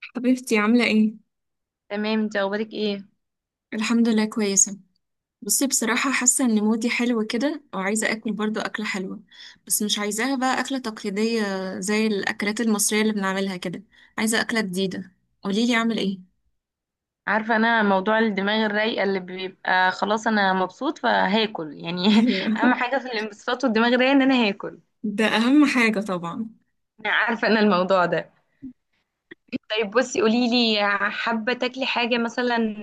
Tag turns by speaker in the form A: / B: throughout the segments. A: حبيبتي عاملة ايه؟
B: تمام، انت اخبارك ايه؟
A: الحمد لله كويسة. بصي بصراحة حاسة ان مودي حلو كده وعايزة اكل برضو اكلة حلوة، بس مش عايزاها بقى اكلة تقليدية زي الاكلات المصرية اللي بنعملها كده. عايزة اكلة جديدة، قوليلي اعمل ايه؟
B: عارفه انا موضوع الدماغ الرايقه اللي بيبقى خلاص انا مبسوط فهاكل يعني. اهم
A: ايوه.
B: حاجه في الانبساط والدماغ الرايقه ان انا هاكل.
A: ده اهم حاجة طبعا.
B: انا عارفه انا الموضوع ده. طيب بصي قولي لي، حابه تاكلي حاجه مثلا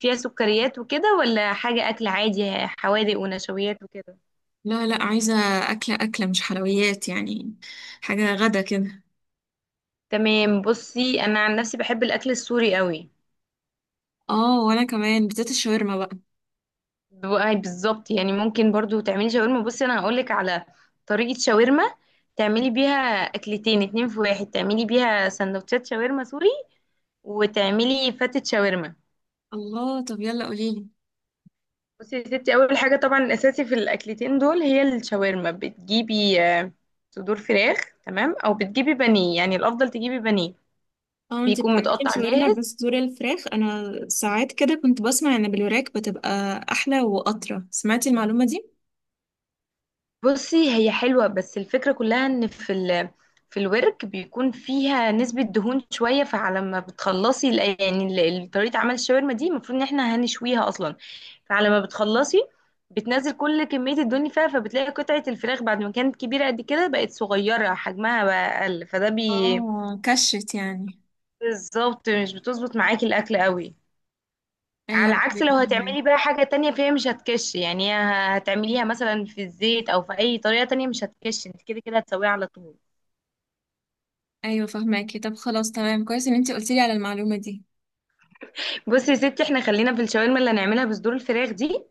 B: فيها سكريات وكده ولا حاجه اكل عادي، حوادق ونشويات وكده؟
A: لا لا، عايزة اكلة مش حلويات يعني، حاجة غدا كده.
B: تمام، بصي انا عن نفسي بحب الاكل السوري قوي.
A: اه وانا كمان بتاعت الشاورما بقى.
B: بقى بالظبط يعني، ممكن برضو تعملي شاورما. بصي انا هقولك على طريقة شاورما تعملي بيها اكلتين اتنين في واحد، تعملي بيها سندوتشات شاورما سوري وتعملي فتة شاورما.
A: الله، طب يلا قوليلي.
B: بصي يا ستي، اول حاجة طبعا الاساسي في الاكلتين دول هي الشاورما. بتجيبي صدور فراخ. تمام، او بتجيبي بانيه. يعني الافضل تجيبي بانيه
A: اه انتي
B: بيكون
A: بتعملي
B: متقطع
A: الشاورما
B: جاهز.
A: بصدور الفراخ، انا ساعات كده كنت بسمع ان بالوراك بتبقى احلى واطرى، سمعتي المعلومة دي.
B: بصي هي حلوة، بس الفكرة كلها ان في الورك بيكون فيها نسبة دهون شوية، فعلى ما بتخلصي طريقة عمل الشاورما دي المفروض ان احنا هنشويها اصلا. فعلى ما بتخلصي بتنزل كل كمية الدهون اللي فيها، فبتلاقي قطعة الفراخ بعد ما كانت كبيرة قد كده بقت صغيرة، حجمها بقى اقل، فده بي.
A: اه كشت يعني.
B: بالظبط، مش بتظبط معاكي الاكل قوي. على
A: ايوه
B: عكس لو
A: فاهمك.
B: هتعملي بقى حاجة تانية فيها مش هتكش يعني، هتعمليها مثلا في الزيت او في اي طريقة تانية مش هتكش، انت كده كده هتسويها على طول.
A: ايوه فاهماكي، طب خلاص تمام، كويس ان انتي قلتي لي على المعلومة دي.
B: بصي يا ستي، احنا خلينا في الشاورما اللي هنعملها بصدور الفراخ دي.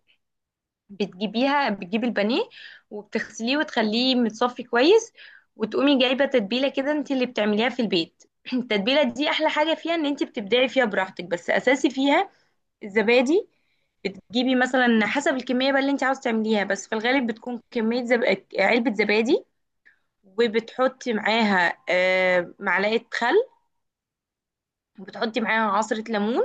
B: بتجيبيها، بتجيبي البانيه وبتغسليه وتخليه متصفي كويس، وتقومي جايبة تتبيلة كده انت اللي بتعمليها في البيت. التتبيلة دي احلى حاجة فيها ان انت بتبدعي فيها براحتك، بس اساسي فيها الزبادي. بتجيبي مثلا حسب الكمية بقى اللي انت عاوز تعمليها، بس في الغالب بتكون كمية علبة زبادي، وبتحطي معاها معلقة خل، وبتحطي معاها عصرة ليمون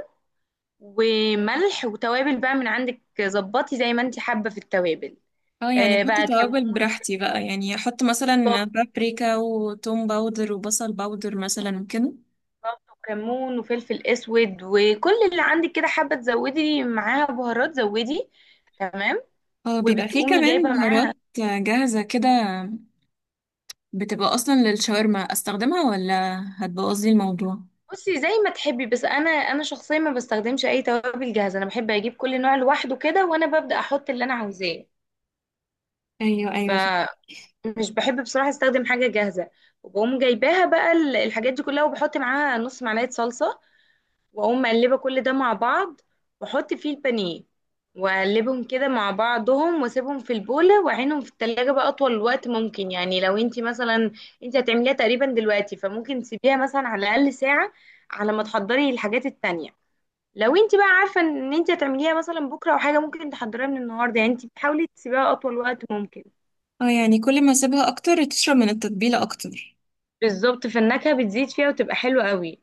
B: وملح وتوابل بقى من عندك، ظبطي زي ما انت حابة في التوابل.
A: اه يعني حطي
B: بقى كمون،
A: توابل براحتي بقى، يعني احط
B: ضبط،
A: مثلا بابريكا وتوم باودر وبصل باودر مثلا وكده.
B: وكمون وفلفل اسود وكل اللي عندك كده، حابة تزودي معاها بهارات زودي. تمام.
A: اه بيبقى فيه
B: وبتقومي
A: كمان
B: جايبة معاها،
A: بهارات جاهزة كده بتبقى اصلا للشاورما، استخدمها ولا هتبوظلي الموضوع؟
B: بصي زي ما تحبي، بس انا شخصيا ما بستخدمش اي توابل جاهزة، انا بحب اجيب كل نوع لوحده كده وانا ببدأ احط اللي انا عاوزاه.
A: ايوه
B: ف
A: ايوه.
B: مش بحب بصراحة استخدم حاجة جاهزة. وبقوم جايباها بقى الحاجات دي كلها، وبحط معاها نص معلقة صلصة، واقوم مقلبة كل ده مع بعض، واحط فيه البانيه واقلبهم كده مع بعضهم، واسيبهم في البولة واعينهم في التلاجة بقى اطول وقت ممكن. يعني لو انتي مثلا انتي هتعمليها تقريبا دلوقتي، فممكن تسيبيها مثلا على الاقل ساعة على ما تحضري الحاجات التانية. لو انتي بقى عارفة ان انتي هتعمليها مثلا بكرة او حاجة ممكن تحضريها من النهاردة، يعني انتي بتحاولي تسيبيها اطول وقت ممكن.
A: اه يعني كل ما اسيبها اكتر تشرب من التتبيلة اكتر.
B: بالظبط، فالنكهة بتزيد فيها وتبقى حلوة قوي.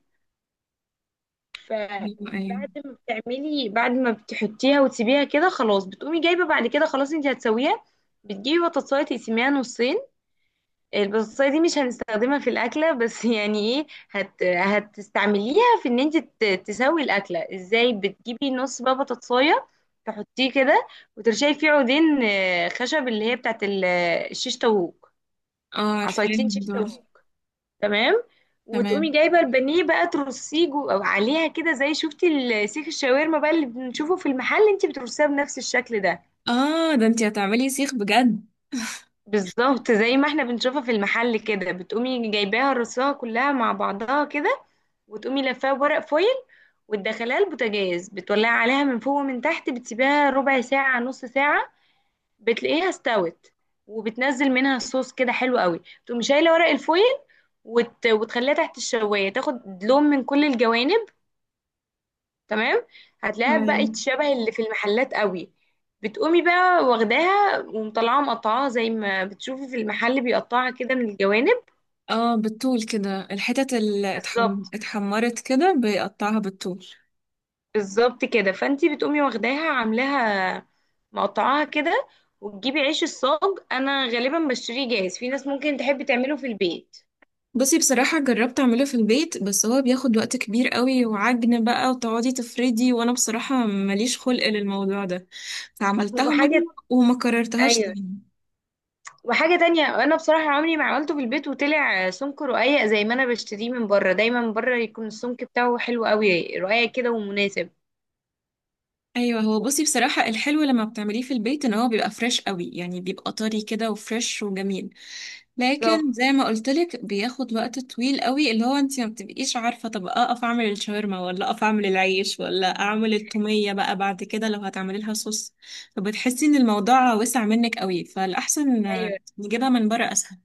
A: ايوه ايوه.
B: فبعد ما بتعملي بعد ما بتحطيها وتسيبيها كده خلاص، بتقومي جايبة بعد كده خلاص انت هتسويها. بتجيبي بطاطساية تقسميها نصين. البطاطساية دي مش هنستخدمها في الأكلة، بس يعني ايه، هتستعمليها في ان انت تسوي الأكلة ازاي. بتجيبي نص بقى بطاطساية تحطيه كده، وترشي فيه عودين خشب اللي هي بتاعت الشيش طاووق،
A: اه عارفاه
B: عصايتين شيش
A: الموضوع ده.
B: طاووق. تمام. وتقومي
A: تمام.
B: جايبه البانيه بقى ترصيه او عليها كده، زي شفتي سيخ الشاورما بقى اللي بنشوفه في المحل، انت بترصيها بنفس الشكل ده.
A: اه ده انتي هتعملي سيخ بجد.
B: بالظبط زي ما احنا بنشوفها في المحل كده، بتقومي جايباها رصاها كلها مع بعضها كده، وتقومي لفاها بورق فويل، وتدخليها البوتاجاز، بتولعي عليها من فوق ومن تحت، بتسيبيها ربع ساعة نص ساعة، بتلاقيها استوت وبتنزل منها الصوص كده حلو قوي، تقومي شايلة ورق الفويل وتخليها تحت الشواية تاخد لون من كل الجوانب. تمام، هتلاقيها
A: ايوه.
B: بقت شبه اللي في المحلات قوي. بتقومي بقى واخداها ومطلعاها مقطعاها زي ما بتشوفي في المحل بيقطعها كده من الجوانب.
A: اه بالطول كده، الحتت اللي
B: بالظبط،
A: اتحمرت كده بيقطعها بالطول.
B: بالظبط كده، فانتي بتقومي واخداها عاملاها مقطعاها كده، وتجيبي عيش الصاج. انا غالبا بشتريه جاهز، في ناس ممكن تحب تعمله في البيت.
A: بصي بصراحة جربت اعمله في البيت بس هو بياخد وقت كبير قوي، وعجن بقى وتقعدي تفردي، وانا بصراحة ماليش خلق للموضوع ده. فعملتها مرة
B: وحاجة،
A: وما كررتهاش
B: ايوه،
A: تاني.
B: وحاجة تانية، انا بصراحة عمري ما عملته في البيت وطلع سمك رقيق زي ما انا بشتريه من بره، دايما من بره يكون السمك بتاعه حلو قوي رقيق كده ومناسب.
A: ايوه هو بصي بصراحه الحلو لما بتعمليه في البيت ان هو بيبقى فريش قوي، يعني بيبقى طري كده وفريش وجميل. لكن زي ما قلت لك بياخد وقت طويل قوي، اللي هو انت ما بتبقيش عارفه طب اقف اعمل الشاورما ولا اقف اعمل العيش ولا اعمل التوميه بقى بعد كده لو هتعملي لها صوص. فبتحسي ان الموضوع وسع منك قوي، فالاحسن
B: ايوه.
A: نجيبها من بره اسهل.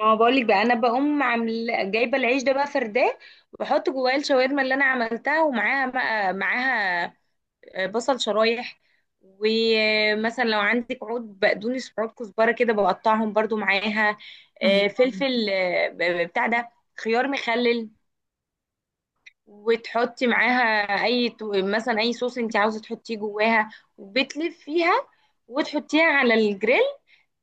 B: ما هو بقول لك بقى، انا بقوم عامل جايبه العيش ده بقى فرداه، واحط جواه الشاورما اللي انا عملتها، ومعاها بقى، معاها بصل شرايح، ومثلا لو عندك عود بقدونس وعود كزبره كده بقطعهم برضو معاها،
A: الله.
B: فلفل، بتاع ده، خيار مخلل، وتحطي معاها اي مثلا اي صوص انت عاوزه تحطيه جواها، وبتلفيها وتحطيها على الجريل،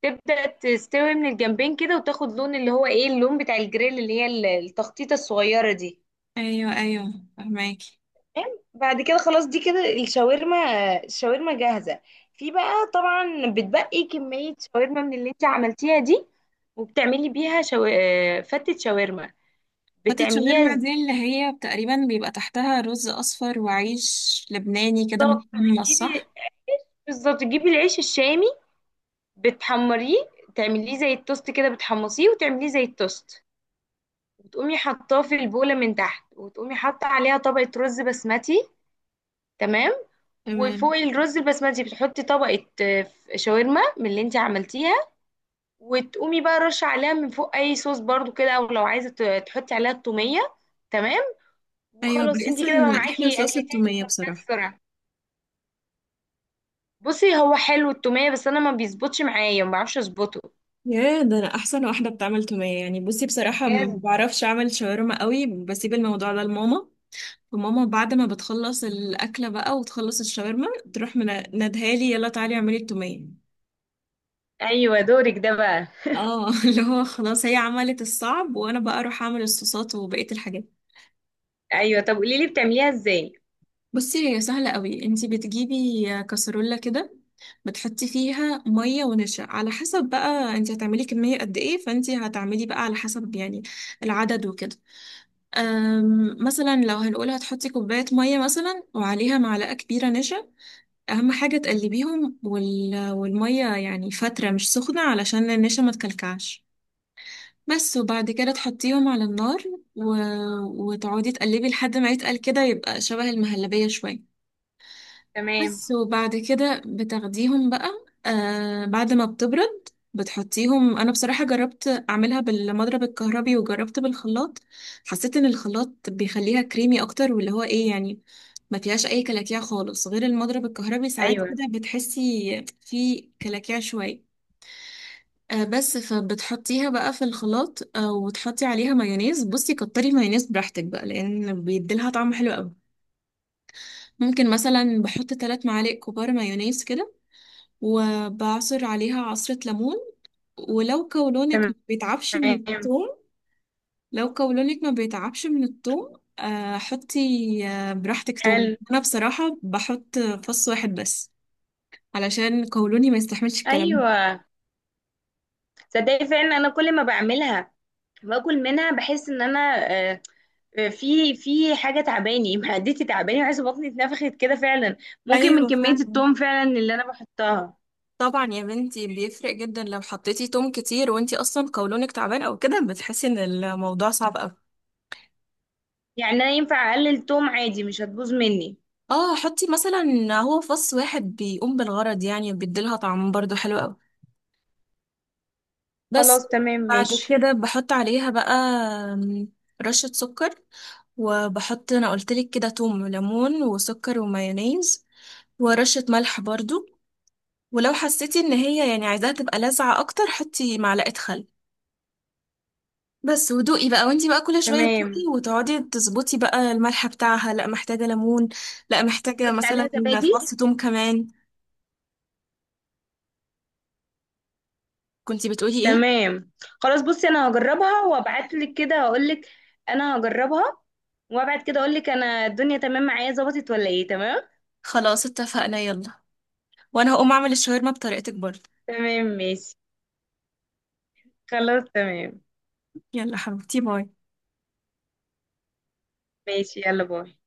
B: تبدأ تستوي من الجنبين كده وتاخد لون اللي هو ايه، اللون بتاع الجريل اللي هي التخطيطة الصغيرة دي.
A: ايوه ايوه فهماكي.
B: تمام؟ بعد كده خلاص، دي كده الشاورما، الشاورما جاهزة. في بقى طبعا بتبقي كمية شاورما من اللي انت عملتيها دي، وبتعملي بيها شو... آه، فتة شاورما.
A: فتة
B: بتعمليها
A: شاورما دي
B: ازاي؟
A: اللي هي تقريبا بيبقى تحتها رز أصفر وعيش لبناني كده
B: بالظبط
A: متقمص،
B: بتجيبي
A: صح؟
B: بالظبط تجيبي العيش الشامي، بتحمريه تعمليه زي التوست كده، بتحمصيه وتعمليه زي التوست، وتقومي حطاه في البولة من تحت، وتقومي حاطة عليها طبقة رز بسمتي. تمام.
A: تمام.
B: وفوق الرز البسمتي بتحطي طبقة شاورما من اللي انت عملتيها، وتقومي بقى رش عليها من فوق اي صوص برضو كده، او لو عايزة تحطي عليها التومية. تمام.
A: أيوة
B: وخلاص
A: بحس
B: انت كده بقى
A: إن أحلى
B: معاكي
A: صوص
B: اكلتين
A: التومية
B: مكرونات
A: بصراحة.
B: السرعة. بصي هو حلو التومية، بس انا ما بيظبطش معايا، ما بعرفش اظبطه.
A: يا ده أنا أحسن واحدة بتعمل تومية يعني، بصي بصراحة ما
B: بجد.
A: بعرفش أعمل شاورما قوي، بسيب الموضوع ده لماما. وماما بعد ما بتخلص الأكلة بقى وتخلص الشاورما تروح منادها لي، يلا تعالي اعملي التومية.
B: ايوه، دورك ده بقى.
A: اه اللي هو خلاص هي عملت الصعب وأنا بقى أروح أعمل الصوصات وبقية الحاجات.
B: ايوه طب قولي لي بتعمليها ازاي.
A: بصي هي سهلة قوي، انتي بتجيبي كسرولة كده، بتحطي فيها مية ونشا على حسب بقى انتي هتعملي كمية قد ايه، فانتي هتعملي بقى على حسب يعني العدد وكده. مثلا لو هنقول هتحطي كوباية مية مثلا وعليها معلقة كبيرة نشا. أهم حاجة تقلبيهم والمية يعني فترة مش سخنة علشان النشا ما تكلكعش بس، وبعد كده تحطيهم على النار و... وتقعدي تقلبي لحد ما يتقل كده، يبقى شبه المهلبية شوية.
B: تمام.
A: بس وبعد كده بتاخديهم بقى، آه بعد ما بتبرد بتحطيهم. انا بصراحة جربت اعملها بالمضرب الكهربي وجربت بالخلاط، حسيت ان الخلاط بيخليها كريمي اكتر، واللي هو ايه يعني ما فيهاش اي كلاكيع خالص، غير المضرب الكهربي ساعات
B: ايوه.
A: كده بتحسي في كلاكيع شوية. آه بس، فبتحطيها بقى في الخلاط، آه وتحطي عليها مايونيز. بصي كتري مايونيز براحتك بقى لان بيديلها طعم حلو قوي. ممكن مثلا بحط 3 معالق كبار مايونيز كده، وبعصر عليها عصرة ليمون. ولو قولونك
B: تمام.
A: ما بيتعبش من الثوم، لو قولونك ما بيتعبش من الثوم حطي براحتك ثوم.
B: حلو.
A: انا بصراحة بحط 1 فص بس علشان قولوني ما يستحملش الكلام ده.
B: ايوه. تصدقي فعلا انا كل ما بعملها باكل منها، بحس ان انا آه، في حاجه تعباني معدتي تعباني، وحاسه بطني اتنفخت كده فعلا. ممكن من
A: ايوه
B: كميه
A: فعلا.
B: التوم فعلا اللي انا بحطها.
A: طبعا يا بنتي بيفرق جدا لو حطيتي توم كتير وانتي اصلا قولونك تعبان او كده بتحسي ان الموضوع صعب قوي.
B: يعني انا ينفع اقلل توم عادي، مش هتبوظ مني؟
A: اه حطي مثلا، هو 1 فص بيقوم بالغرض يعني وبيديلها طعم برضو حلو قوي بس.
B: خلاص تمام
A: بعد
B: ماشي.
A: كده بحط عليها بقى رشة سكر. وبحط انا قلتلك كده توم وليمون وسكر ومايونيز ورشة ملح برضو. ولو حسيتي ان هي يعني عايزاها تبقى لاذعة اكتر حطي معلقة خل بس، ودوقي بقى وانتي بقى كل شوية تدوقي
B: تمام،
A: وتقعدي تظبطي بقى الملح بتاعها، لا محتاجة ليمون، لا محتاجة
B: حط
A: مثلا
B: عليها زبادي.
A: فص توم كمان. كنتي بتقولي ايه؟
B: تمام، خلاص. بصي انا هجربها وابعت لك كده هقول لك. انا هجربها وابعت كده اقول لك انا الدنيا تمام معايا، ظبطت ولا ايه. تمام.
A: خلاص اتفقنا، يلا، وانا هقوم اعمل الشاورما بطريقتك برضه.
B: تمام ماشي. خلاص تمام.
A: يلا حبيبتي، باي.
B: ماشي، يلا باي.